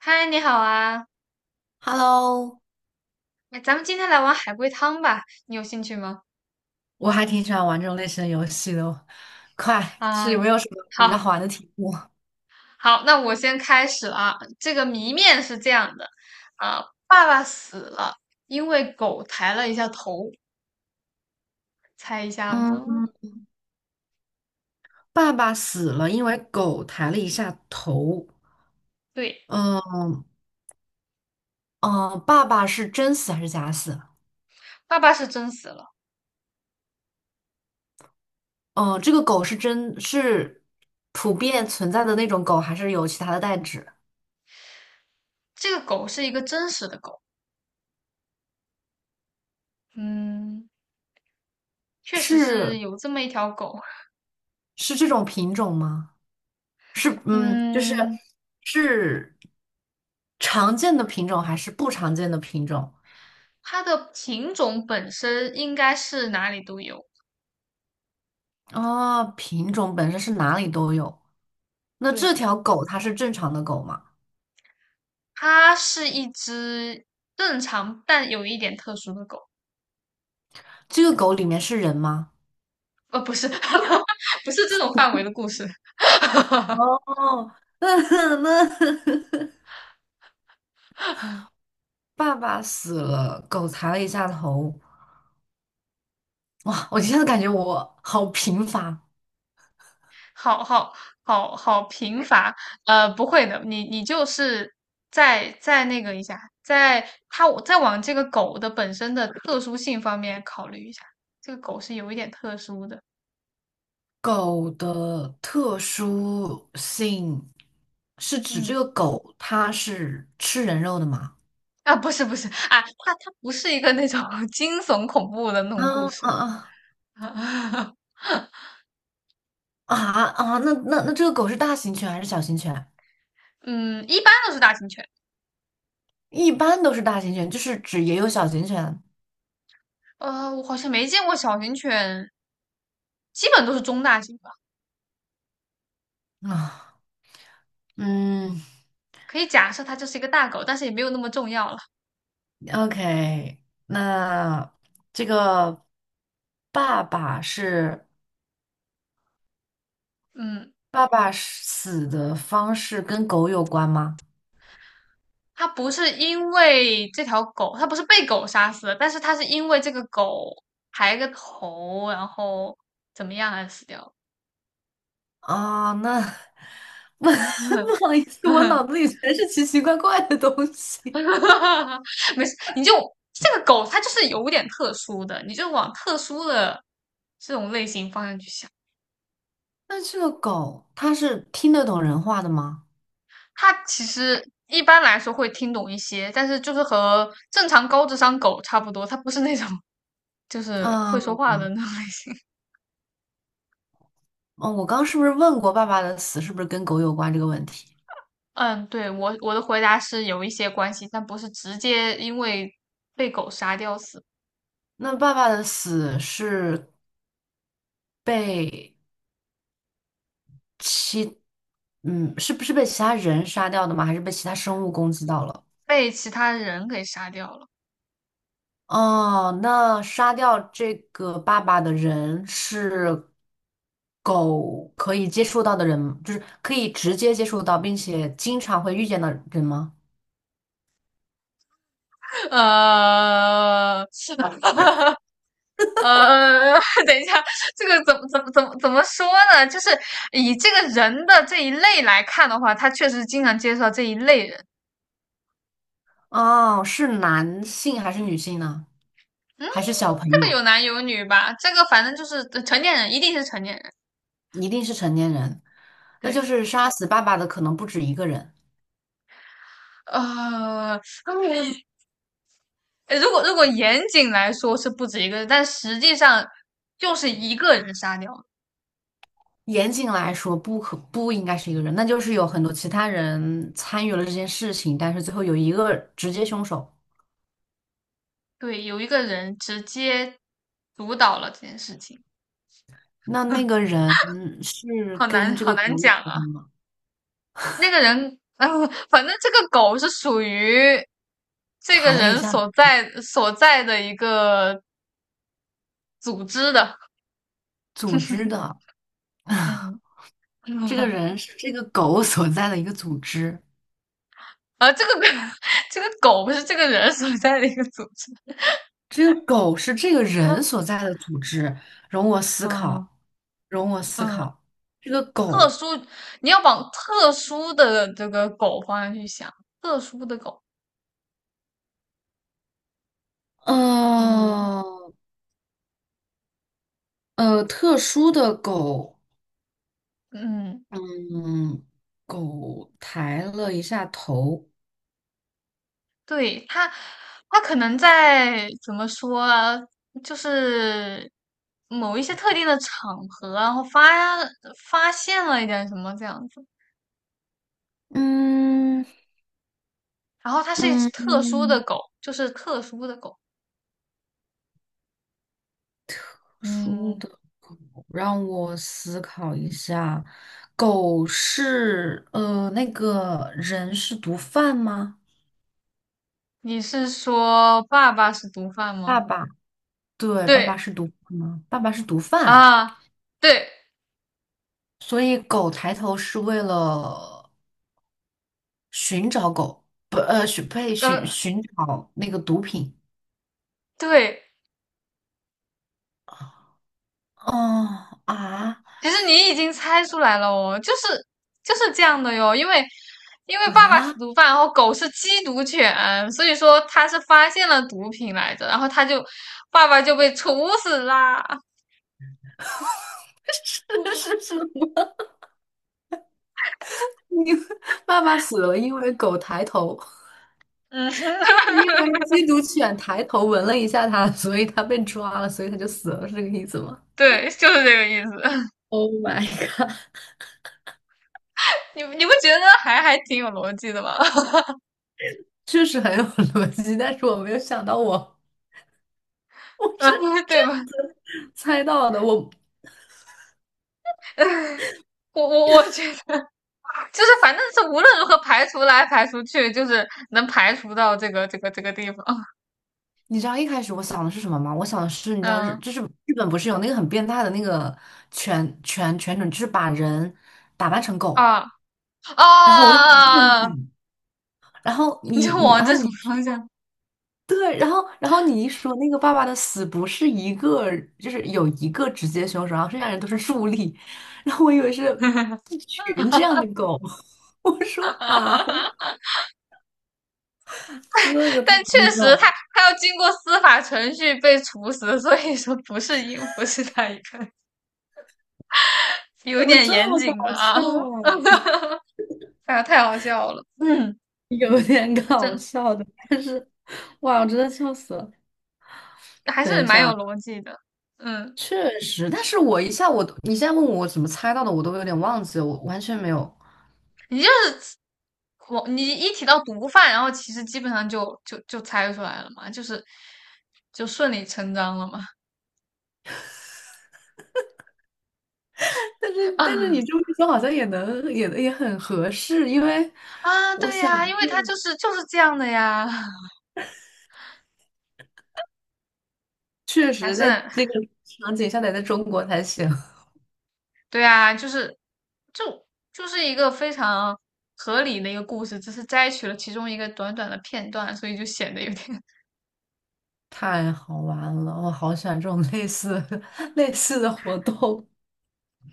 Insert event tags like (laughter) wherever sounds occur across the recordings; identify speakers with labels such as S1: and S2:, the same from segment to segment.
S1: 嗨，你好啊！
S2: Hello,
S1: 哎，咱们今天来玩海龟汤吧，你有兴趣吗？
S2: 我还挺喜欢玩这种类型的游戏的哦。快，是
S1: 啊，
S2: 有没有什么比较
S1: 好，
S2: 好玩的题目？
S1: 好，那我先开始了啊。这个谜面是这样的，啊，爸爸死了，因为狗抬了一下头，猜一下
S2: 嗯，
S1: 呢？
S2: 爸爸死了，因为狗抬了一下头。
S1: 对，
S2: 嗯嗯，爸爸是真死还是假死？
S1: 爸爸是真死了，
S2: 嗯，这个狗是普遍存在的那种狗，还是有其他的代指？
S1: 这个狗是一个真实的狗，嗯，确实是
S2: 是
S1: 有这么一条狗，
S2: 是这种品种吗？是嗯，就是
S1: 嗯，
S2: 是常见的品种还是不常见的品种？
S1: 它的品种本身应该是哪里都有，
S2: 哦，品种本身是哪里都有。那这
S1: 对的。
S2: 条狗它是正常的狗吗？
S1: 它是一只正常但有一点特殊的狗，
S2: 这个狗里面是人吗？
S1: 不是，(laughs) 不是这种范围的故事，(laughs)
S2: 哦，(laughs) 那那爸爸死了，狗抬了一下头。哇，我现在感觉我好贫乏。
S1: 好好好好贫乏，不会的，你就是再那个一下，在它再往这个狗的本身的特殊性方面考虑一下，这个狗是有一点特殊的，
S2: 狗的特殊性是指这
S1: 嗯。
S2: 个狗它是吃人肉的吗？
S1: 啊，不是不是啊，它不是一个那种 (laughs) 惊悚恐怖的那
S2: 啊
S1: 种故事，
S2: 啊
S1: (laughs)
S2: 啊!那这个狗是大型犬还是小型犬？
S1: 嗯，一般都是大型犬。
S2: 一般都是大型犬，就是指也有小型犬
S1: 我好像没见过小型犬，基本都是中大型吧。
S2: 啊。嗯
S1: 可以假设它就是一个大狗，但是也没有那么重要了。
S2: ，OK,那这个爸爸是
S1: 嗯，
S2: 爸爸是死的方式跟狗有关吗？
S1: 它不是因为这条狗，它不是被狗杀死的，但是它是因为这个狗抬个头，然后怎么样而死掉
S2: 啊，那 (laughs)
S1: 了
S2: 不好意思，我
S1: (laughs)
S2: 脑子里全是奇奇怪怪的东西。
S1: 没事，你就这个狗，它就是有点特殊的，你就往特殊的这种类型方向去想。
S2: 那这个狗它是听得懂人话的吗？
S1: 它其实一般来说会听懂一些，但是就是和正常高智商狗差不多，它不是那种就是会
S2: 啊，
S1: 说话的那种类型。(laughs)
S2: 哦，我刚是不是问过爸爸的死是不是跟狗有关这个问题？
S1: 嗯，对，我的回答是有一些关系，但不是直接因为被狗杀掉死，
S2: 那爸爸的死是被其，嗯，是不是被其他人杀掉的吗？还是被其他生物攻击到了？
S1: 被其他人给杀掉了。
S2: 哦，那杀掉这个爸爸的人是狗可以接触到的人，就是可以直接接触到，并且经常会遇见的人吗？
S1: 呃 (laughs)，是的，呃，(laughs) 等一下，这个怎么说呢？就是以这个人的这一类来看的话，他确实经常介绍这一类人。
S2: 哦，是男性还是女性呢？
S1: 嗯，
S2: 还是小朋
S1: 这个
S2: 友？
S1: 有男有女吧？这个反正就是成年人，一定是成年人。
S2: 一定是成年人。那就
S1: 对，
S2: 是杀死爸爸的可能不止一个人。
S1: 呃，(laughs) 呃如果严谨来说是不止一个人，但实际上就是一个人杀掉了
S2: 严谨来说，不应该是一个人，那就是有很多其他人参与了这件事情，但是最后有一个直接凶手。
S1: 对，有一个人直接主导了这件事情，
S2: 那那个人是
S1: 好难
S2: 跟这
S1: 好
S2: 个
S1: 难
S2: 狗有
S1: 讲啊。
S2: 关吗？
S1: 那个人，反正这个狗是属于这个
S2: 谈了一
S1: 人
S2: 下，
S1: 所在的一个组织的，
S2: 组织的，(laughs)
S1: 嗯。
S2: (sighs) 这个
S1: (laughs)
S2: 人是这个狗所在的一个组织，
S1: 啊，这个 (laughs) 这个狗不是这个人所在的一个组织。
S2: 这个狗是这个人
S1: (laughs)
S2: 所在的组织。容我思
S1: 嗯
S2: 考，容我思
S1: 嗯，
S2: 考，这个
S1: 特
S2: 狗，
S1: 殊，你要往特殊的这个狗方向去想，特殊的狗，嗯
S2: 呃特殊的狗。
S1: 嗯，
S2: 嗯，狗抬了一下头。
S1: 对，它可能在怎么说啊，就是某一些特定的场合啊，然后发现了一点什么这样子，
S2: 嗯
S1: 然后它是一只特殊的
S2: 嗯，
S1: 狗，就是特殊的狗，
S2: 书
S1: 嗯。
S2: 的狗，让我思考一下，狗是那个人是毒贩吗？
S1: 你是说爸爸是毒贩吗？
S2: 爸爸，对，爸爸
S1: 对
S2: 是毒贩吗？爸爸是毒贩，
S1: 啊，对，
S2: 所以狗抬头是为了寻找狗，不，呃，寻呸，
S1: 呃，
S2: 寻找那个毒品。
S1: 对，
S2: 哦啊
S1: 其实你已经猜出来了哦，就是就是这样的哟，因为因为爸爸是
S2: 啊！
S1: 毒贩，然后狗是缉毒犬，所以说他是发现了毒品来着，然后他就爸爸就被处死啦。
S2: (laughs) 是是是，因为爸爸死了，因为狗抬头，
S1: 嗯，(laughs)
S2: 因为缉毒犬抬头闻了一下他，所以他被抓了，所以他就死了，是这个意思吗
S1: 对，就是这个意思。(laughs)
S2: ？Oh my god,
S1: 你你不觉得还还挺有逻辑的吗？(laughs)
S2: (laughs) 确实很有逻辑，但是我没有想到我我是
S1: 嗯，
S2: 这
S1: 对
S2: 样
S1: 吧？
S2: 子猜到的。
S1: 我觉得就是反正是无论如何排除来排除去，就是能排除到这个这个这个地方。(laughs)
S2: 你知道一开始我想的是什么吗？我想的是，你知道
S1: 嗯。
S2: 日本不是有那个很变态的那个犬种，就是把人打扮成狗，
S1: 啊
S2: 然后我就很震
S1: 啊！(laughs)
S2: 惊然后
S1: 你就往这
S2: 你
S1: 种方
S2: 说。
S1: 向，
S2: 对，然后你一说那个爸爸的死不是一个，就是有一个直接凶手，然后剩下人都是助力，然后我以为是一
S1: (laughs)
S2: 群这样的狗，(laughs) 我说啊，这个太
S1: 但
S2: 离
S1: 确
S2: 谱
S1: 实他
S2: 了，
S1: 他要经过司法程序被处死，所以说不是因不是他一个人有
S2: 怎么
S1: 点
S2: 这
S1: 严
S2: 么搞
S1: 谨了啊！
S2: 笑啊？
S1: (laughs) 哎呀，太好笑了，嗯，
S2: (laughs) 有点搞
S1: 这
S2: 笑的，但是哇，我真的笑死了。
S1: 还是
S2: 等一
S1: 蛮有
S2: 下，
S1: 逻辑的，嗯，
S2: 确实，但是我一下我都，你现在问我怎么猜到的，我都有点忘记了，我完全没有，
S1: 你就是我你一提到毒贩，然后其实基本上就猜出来了嘛，就是就顺理成章了嘛，(laughs)
S2: 但是你
S1: 啊
S2: 这么一说，好像也很合适，因为
S1: 啊，对呀，因为
S2: 这
S1: 他就是就是这样的呀。
S2: 确
S1: 还
S2: 实
S1: 是
S2: 在
S1: 很还
S2: 这个场景下得在中国才行，(laughs)
S1: 对啊，就是就就是一个非常合理的一个故事，只是摘取了其中一个短短的片段，所以就显得有点
S2: 太好玩了，我好喜欢这种类似 (laughs) 类似的活动。(laughs)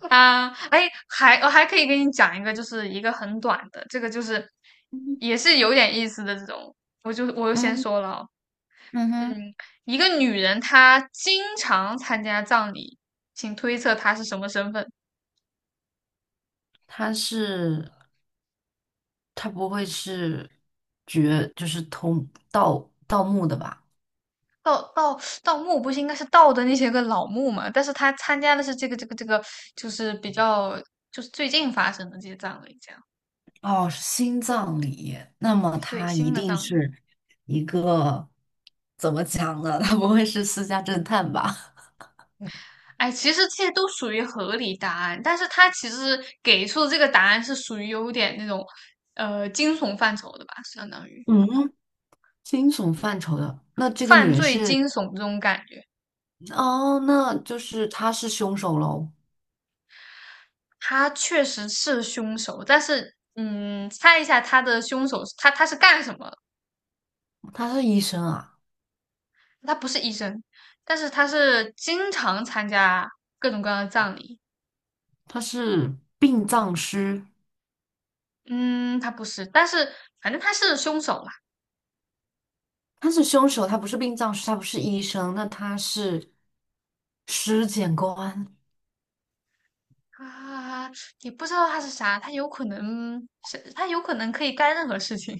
S1: (laughs) 啊，哎，还我还可以给你讲一个，就是一个很短的，这个就是
S2: 嗯，
S1: 也是有点意思的这种，我就先
S2: 嗯
S1: 说了哦
S2: 嗯
S1: 嗯，
S2: 哼，
S1: 一个女人她经常参加葬礼，请推测她是什么身份？
S2: 它是它不会是绝就是盗盗墓的吧？
S1: 盗墓不是应该是盗的那些个老墓嘛？但是他参加的是这个这个这个，就是比较就是最近发生的这些葬礼，这样
S2: 哦，是心脏里，那么
S1: 对
S2: 它一
S1: 新的
S2: 定
S1: 葬礼。
S2: 是一个怎么讲呢？它不会是私家侦探吧？
S1: 哎，其实这些都属于合理答案，但是他其实给出的这个答案是属于有点那种惊悚范畴的吧，相当于
S2: 嗯，惊悚范畴的，那这个女
S1: 犯
S2: 人
S1: 罪
S2: 是，
S1: 惊悚这种感觉。
S2: 哦，那就是她是凶手喽，
S1: 他确实是凶手，但是嗯，猜一下他的凶手，他是干什么
S2: 她是医生啊，
S1: 他不是医生，但是他是经常参加各种各样的葬礼。
S2: 她是殡葬师，
S1: 嗯，他不是，但是反正他是凶手嘛。
S2: 她是凶手，她不是殡葬师，她不是医生，那她是尸检官，
S1: 啊，也不知道他是啥，他有可能是，他有可能可以干任何事情。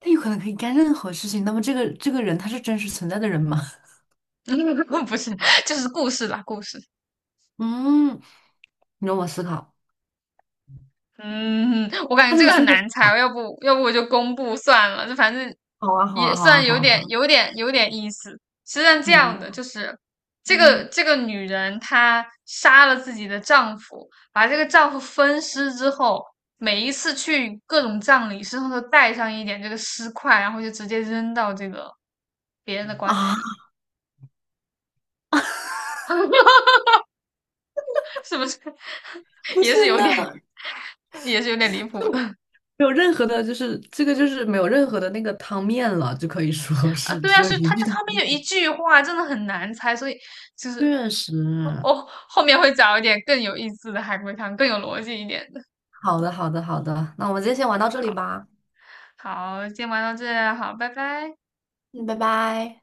S2: 她有可能可以干任何事情。那么这个人他是真实存在的人吗？(laughs)
S1: (laughs) 不是，就是故事啦，故事。
S2: 嗯，你让我思考，
S1: 嗯，我感觉
S2: 他这
S1: 这
S2: 个
S1: 个很
S2: 身份，
S1: 难猜，要不我就公布算了，就反正
S2: 好啊，好
S1: 也
S2: 啊，好啊，
S1: 算
S2: 好
S1: 有
S2: 啊，好
S1: 点
S2: 啊
S1: 有点有点意思。实际上这
S2: 明
S1: 样
S2: 白。
S1: 的，就是这个
S2: 嗯
S1: 这个女人她杀了自己的丈夫，把这个丈夫分尸之后，每一次去各种葬礼，身上都带上一点这个尸块，然后就直接扔到这个别人的棺材
S2: 啊，
S1: 里，(laughs) 是不是？(laughs)
S2: 不是
S1: 也是有点，
S2: 那。
S1: 也是有点离谱
S2: 就。
S1: 的。
S2: 没有任何的，就是这个就是没有任何的那个汤面了，就可以说 (laughs)
S1: 啊，
S2: 是
S1: 对
S2: 只
S1: 啊，
S2: 有
S1: 是
S2: 一
S1: 他
S2: 句
S1: 他
S2: 的。
S1: 他们有一句话真的很难猜，所以就是
S2: 确实，
S1: 哦哦，后面会找一点更有意思的海龟汤，更有逻辑一点的。
S2: 好的，好的，好的，那我们今天先玩到这里
S1: 好，
S2: 吧，
S1: 好，今天玩到这，好，拜拜。
S2: 嗯，拜拜。